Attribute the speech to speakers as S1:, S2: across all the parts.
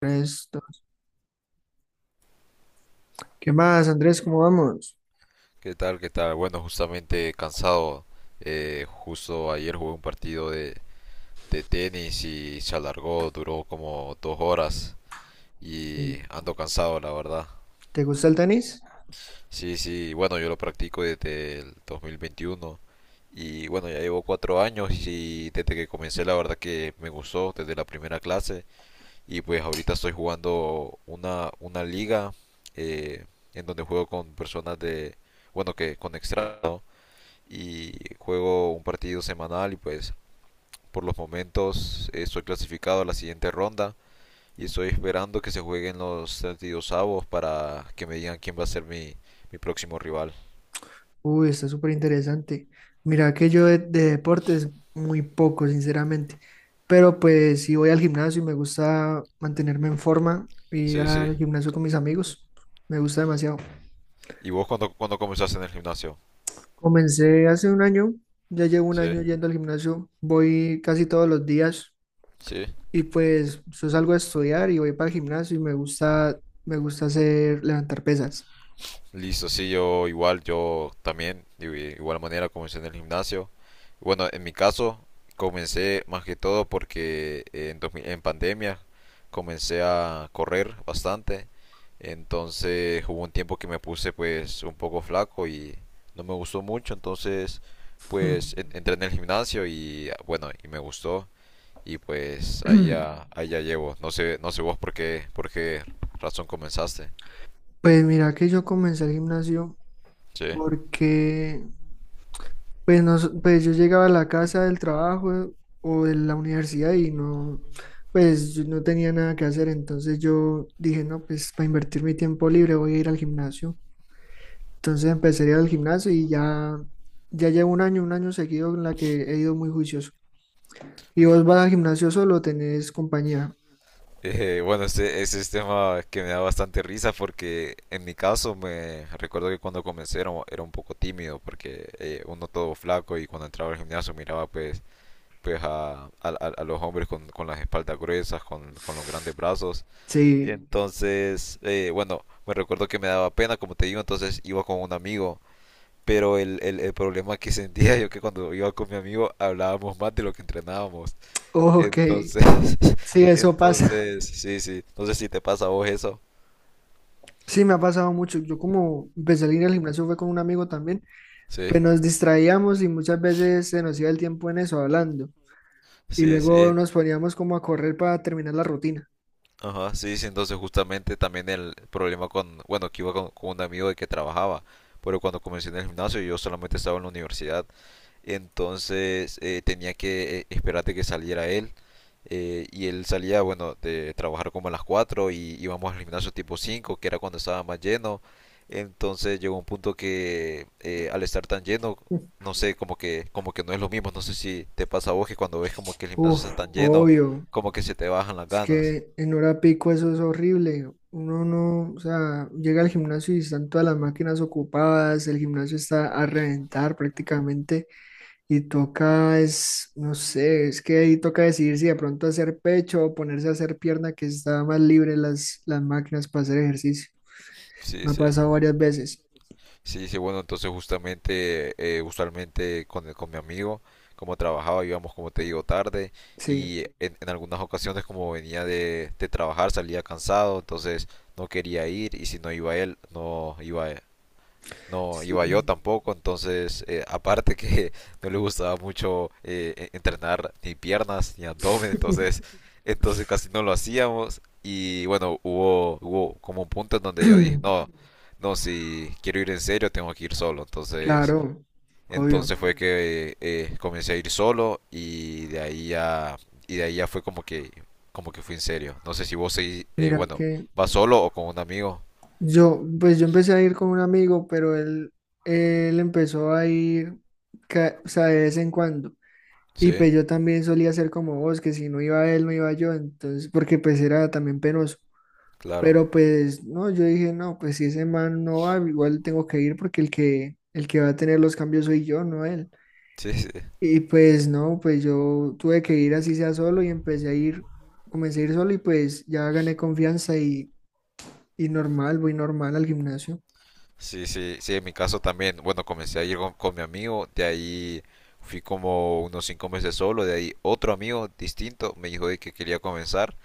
S1: Resto. ¿Qué más, Andrés? ¿Cómo vamos?
S2: ¿Qué tal? ¿Qué tal? Bueno, justamente cansado. Justo ayer jugué un partido de tenis y se alargó, duró como 2 horas y
S1: Mm,
S2: ando cansado, la verdad.
S1: ¿te gusta el tenis?
S2: Sí, sí, bueno, yo lo practico desde el 2021 y bueno, ya llevo 4 años y desde que comencé la verdad que me gustó desde la primera clase. Y pues ahorita estoy jugando una liga, eh, en donde juego con personas de, bueno, que con extranjeros, y juego un partido semanal. Y pues por los momentos estoy clasificado a la siguiente ronda y estoy esperando que se jueguen los 32 avos para que me digan quién va a ser mi próximo rival.
S1: Uy, está súper interesante. Mira que yo de deportes muy poco, sinceramente. Pero pues si voy al gimnasio y me gusta mantenerme en forma, ir
S2: Sí,
S1: al
S2: sí.
S1: gimnasio con mis amigos, me gusta demasiado.
S2: ¿Y vos cuando comenzaste en el gimnasio?
S1: Comencé hace un año, ya llevo un
S2: Sí,
S1: año yendo al gimnasio, voy casi todos los días
S2: sí.
S1: y pues yo salgo a estudiar y voy para el gimnasio y me gusta hacer levantar pesas.
S2: Listo, sí, yo igual, yo también, de igual manera comencé en el gimnasio. Bueno, en mi caso, comencé más que todo porque 2000 en pandemia comencé a correr bastante. Entonces hubo un tiempo que me puse pues un poco flaco y no me gustó mucho. Entonces pues entré en el gimnasio y bueno, y me gustó. Y pues ahí ya llevo. No sé, no sé vos por qué razón comenzaste.
S1: Pues mira que yo comencé el gimnasio
S2: Sí.
S1: porque pues, no, pues yo llegaba a la casa del trabajo o de la universidad y no, pues yo no tenía nada que hacer. Entonces yo dije, no, pues para invertir mi tiempo libre voy a ir al gimnasio. Entonces empecé a ir al gimnasio y ya, ya llevo un año seguido en la que he ido muy juicioso. ¿Y vos vas al gimnasio solo o tenés compañía?
S2: Ese es tema que me da bastante risa porque en mi caso me recuerdo que cuando comencé era un poco tímido porque uno todo flaco, y cuando entraba al gimnasio miraba pues, pues a los hombres con las espaldas gruesas, con los grandes brazos.
S1: Sí.
S2: Entonces, bueno, me recuerdo que me daba pena, como te digo, entonces iba con un amigo. Pero el problema que sentía yo que cuando iba con mi amigo hablábamos más de lo que entrenábamos.
S1: Ok,
S2: Entonces,
S1: sí, eso pasa.
S2: entonces, sí, sí. No sé si te pasa a vos eso.
S1: Sí, me ha pasado mucho. Yo como empecé a ir al gimnasio fue con un amigo también. Pues
S2: Sí,
S1: nos distraíamos y muchas veces se nos iba el tiempo en eso, hablando. Y
S2: sí, sí.
S1: luego nos poníamos como a correr para terminar la rutina.
S2: Ajá, sí, sí. Entonces, justamente también el problema con, bueno, que iba con un amigo de que trabajaba, pero cuando comencé en el gimnasio yo solamente estaba en la universidad. Entonces tenía que esperar de que saliera él. Y él salía, bueno, de trabajar como a las 4 y íbamos al gimnasio tipo cinco, que era cuando estaba más lleno. Entonces llegó un punto que al estar tan lleno, no sé, como que no es lo mismo. No sé si te pasa a vos que cuando ves como que el gimnasio
S1: Uf,
S2: está tan lleno,
S1: obvio.
S2: como que se te bajan las
S1: Es
S2: ganas.
S1: que en hora pico eso es horrible. Uno no, o sea, llega al gimnasio y están todas las máquinas ocupadas, el gimnasio está a reventar prácticamente y toca, es, no sé, es que ahí toca decidir si de pronto hacer pecho o ponerse a hacer pierna, que está más libre las máquinas para hacer ejercicio.
S2: Sí,
S1: Me ha
S2: sí.
S1: pasado varias veces.
S2: Sí, sí, bueno, entonces justamente, usualmente con, con mi amigo, como trabajaba, íbamos, como te digo, tarde,
S1: Sí,
S2: y en algunas ocasiones como venía de trabajar salía cansado, entonces no quería ir, y si no iba él, no iba yo
S1: sí.
S2: tampoco. Entonces aparte que no le gustaba mucho entrenar ni piernas ni abdomen, entonces, entonces casi no lo hacíamos. Y bueno, hubo como un punto en donde yo dije, no, no, si quiero ir en serio tengo que ir solo, entonces,
S1: Claro, obvio.
S2: entonces fue que comencé a ir solo. Y de ahí ya, y de ahí ya fue como como que fui en serio. No sé si vos seguís,
S1: Mira
S2: bueno,
S1: que
S2: vas solo o con un amigo,
S1: yo, pues yo empecé a ir con un amigo, pero él empezó a ir, ca- o sea, de vez en cuando. Y
S2: sí,
S1: pues yo también solía ser como vos, que si no iba él, no iba yo, entonces, porque pues era también penoso.
S2: claro,
S1: Pero pues, no, yo dije, no, pues si ese man no va, igual tengo que ir porque el que va a tener los cambios soy yo, no él.
S2: sí, sí.
S1: Y pues no, pues yo tuve que ir así sea solo y empecé a ir, comencé a ir solo y pues ya gané confianza y normal, voy normal al gimnasio.
S2: Sí, sí, sí, en mi caso también. Bueno, comencé a ir con mi amigo, de ahí fui como unos 5 meses solo, de ahí otro amigo distinto me dijo de que quería comenzar,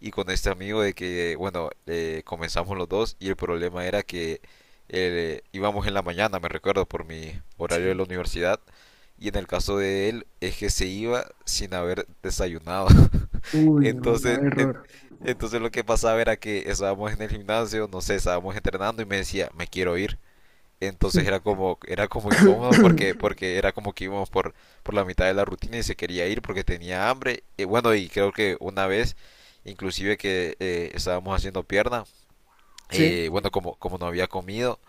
S2: y con este amigo de que, bueno, comenzamos los dos. Y el problema era que íbamos en la mañana, me recuerdo, por mi horario de
S1: Sí.
S2: la universidad, y en el caso de él es que se iba sin haber desayunado.
S1: Uy, no,
S2: Entonces,
S1: grave error.
S2: entonces lo que pasaba era que estábamos en el gimnasio, no sé, estábamos entrenando y me decía, me quiero ir. Entonces era como incómodo porque, porque era como que íbamos por la mitad de la rutina y se quería ir porque tenía hambre. Y bueno, y creo que una vez, inclusive, que estábamos haciendo pierna,
S1: Sí.
S2: bueno, como no había comido,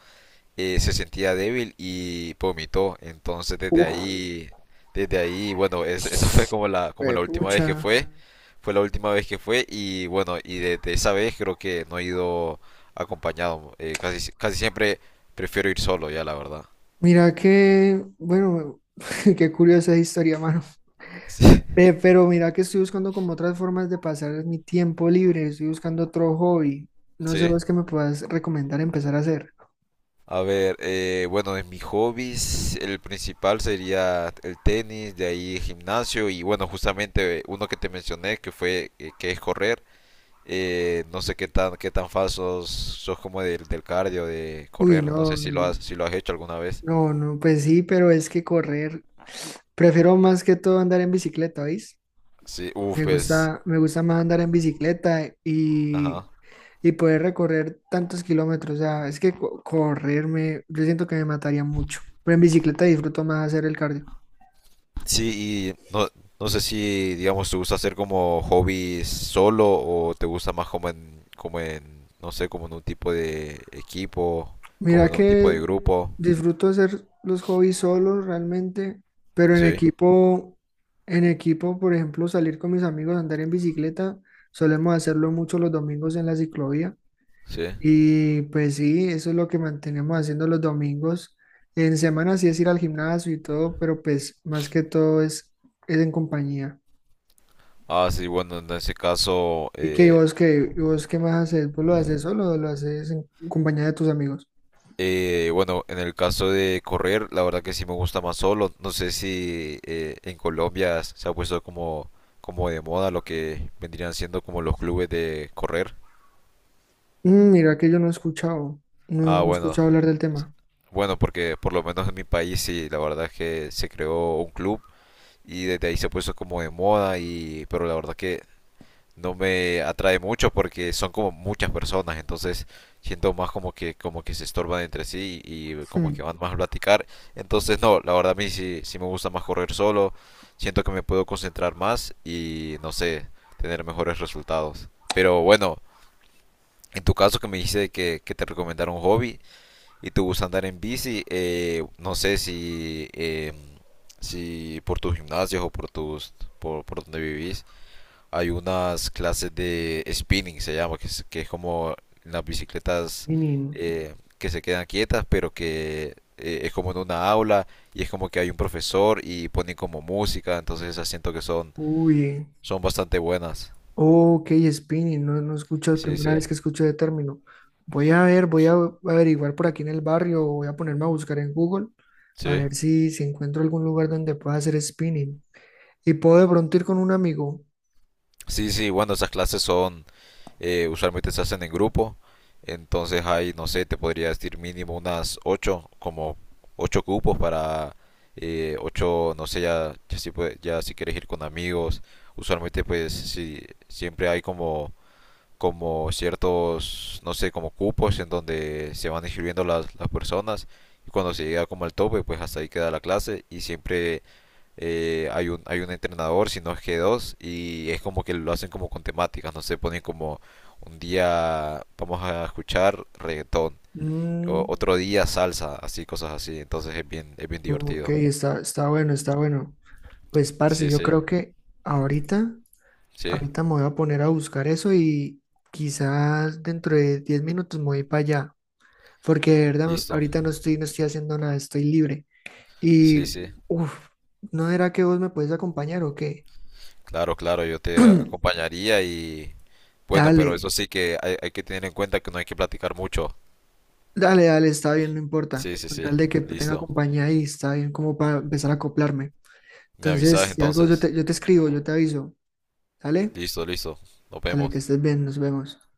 S2: se sentía débil y vomitó. Entonces desde
S1: Uf,
S2: ahí, desde ahí, bueno, esa fue como la última vez que
S1: pucha.
S2: fue. Fue la última vez que fue, y bueno, y desde esa vez creo que no he ido acompañado. Casi, casi siempre prefiero ir solo ya, la verdad.
S1: Mira que, bueno, qué curiosa historia, mano.
S2: Sí.
S1: Ve, pero mira que estoy buscando como otras formas de pasar mi tiempo libre, estoy buscando otro hobby. No sé
S2: Sí.
S1: vos qué me puedas recomendar empezar a hacer.
S2: A ver, bueno, de mis hobbies el principal sería el tenis, de ahí gimnasio, y bueno, justamente uno que te mencioné que fue que es correr. No sé qué tan falsos sos como del cardio de
S1: Uy,
S2: correr. No sé
S1: no.
S2: si lo
S1: No,
S2: has si lo has hecho alguna vez.
S1: no, no, pues sí, pero es que correr. Prefiero más que todo andar en bicicleta, ¿veis?
S2: Sí, uff, pues,
S1: Me gusta más andar en bicicleta
S2: ajá.
S1: y poder recorrer tantos kilómetros. O sea, es que co- correr me, yo siento que me mataría mucho. Pero en bicicleta disfruto más hacer el cardio.
S2: Sí, y no, no sé si, digamos, te gusta hacer como hobbies solo, o te gusta más no sé, como en un tipo de equipo, como
S1: Mira
S2: en un tipo de
S1: que
S2: grupo.
S1: disfruto hacer los hobbies solos realmente, pero
S2: Sí,
S1: en equipo, por ejemplo, salir con mis amigos andar en bicicleta, solemos hacerlo mucho los domingos en la ciclovía.
S2: sí.
S1: Y pues sí, eso es lo que mantenemos haciendo los domingos. En semana sí es ir al gimnasio y todo, pero pues más que todo es en compañía.
S2: Ah, sí, bueno, en ese caso,
S1: ¿Y vos qué? ¿Y vos qué más haces? ¿Vos lo haces solo o lo haces en compañía de tus amigos?
S2: bueno, en el caso de correr, la verdad que sí me gusta más solo. No sé si en Colombia se ha puesto como, como de moda lo que vendrían siendo como los clubes de correr.
S1: Mm, mira que yo no he escuchado, no,
S2: Ah,
S1: no he
S2: bueno.
S1: escuchado hablar del tema.
S2: Bueno, porque por lo menos en mi país sí, la verdad es que se creó un club y desde ahí se puso como de moda, y pero la verdad que no me atrae mucho porque son como muchas personas. Entonces siento más como que se estorban entre sí y como que
S1: Hmm,
S2: van más a platicar. Entonces no, la verdad a mí sí, sí me gusta más correr solo, siento que me puedo concentrar más y no sé, tener mejores resultados. Pero bueno, en tu caso que me dijiste que te recomendaron un hobby, y te gusta andar en bici, no sé si, si por tus gimnasios por donde vivís, hay unas clases de spinning, se llama, que es como las bicicletas
S1: menino.
S2: que se quedan quietas, pero que es como en una aula, y es como que hay un profesor y ponen como música. Entonces esas siento que son,
S1: Uy,
S2: son bastante buenas.
S1: ok, spinning, no, no escucho, es
S2: Sí,
S1: primera
S2: sí,
S1: vez que escucho de término. Voy a ver, voy a averiguar por aquí en el barrio, voy a ponerme a buscar en Google, a
S2: sí.
S1: ver si, si encuentro algún lugar donde pueda hacer spinning. Y puedo de pronto ir con un amigo.
S2: Sí, sí, bueno, esas clases son, usualmente se hacen en grupo. Entonces hay, no sé, te podría decir mínimo unas 8 como 8 cupos para 8, no sé, ya, ya, si ya si quieres ir con amigos. Usualmente pues si siempre hay como como ciertos, no sé, como cupos en donde se van inscribiendo las personas, y cuando se llega como al tope, pues hasta ahí queda la clase. Y siempre hay un entrenador, si no es que dos, y es como que lo hacen como con temáticas, no sé, ponen como un día vamos a escuchar reggaetón, o
S1: Mm,
S2: otro día salsa, así, cosas así. Entonces es bien
S1: ok,
S2: divertido.
S1: está, está bueno, está bueno. Pues, parce,
S2: Sí,
S1: yo
S2: sí,
S1: creo que ahorita,
S2: sí,
S1: ahorita me voy a poner a buscar eso y quizás dentro de 10 minutos me voy para allá, porque de verdad
S2: listo.
S1: ahorita no estoy, no estoy haciendo nada, estoy libre.
S2: Sí,
S1: Y,
S2: sí,
S1: uff, ¿no era que vos me podés acompañar o qué?
S2: claro, claro, yo te acompañaría. Y bueno,
S1: Dale,
S2: pero eso sí que hay que tener en cuenta que no hay que platicar mucho.
S1: dale, dale, está bien, no importa.
S2: Sí, sí,
S1: Con
S2: sí.
S1: tal de que tenga
S2: Listo.
S1: compañía ahí, está bien como para empezar a acoplarme.
S2: Me avisas
S1: Entonces, si algo
S2: entonces.
S1: yo te escribo, yo te aviso. ¿Sale?
S2: Listo, listo. Nos
S1: Dale, que
S2: vemos.
S1: estés bien, nos vemos.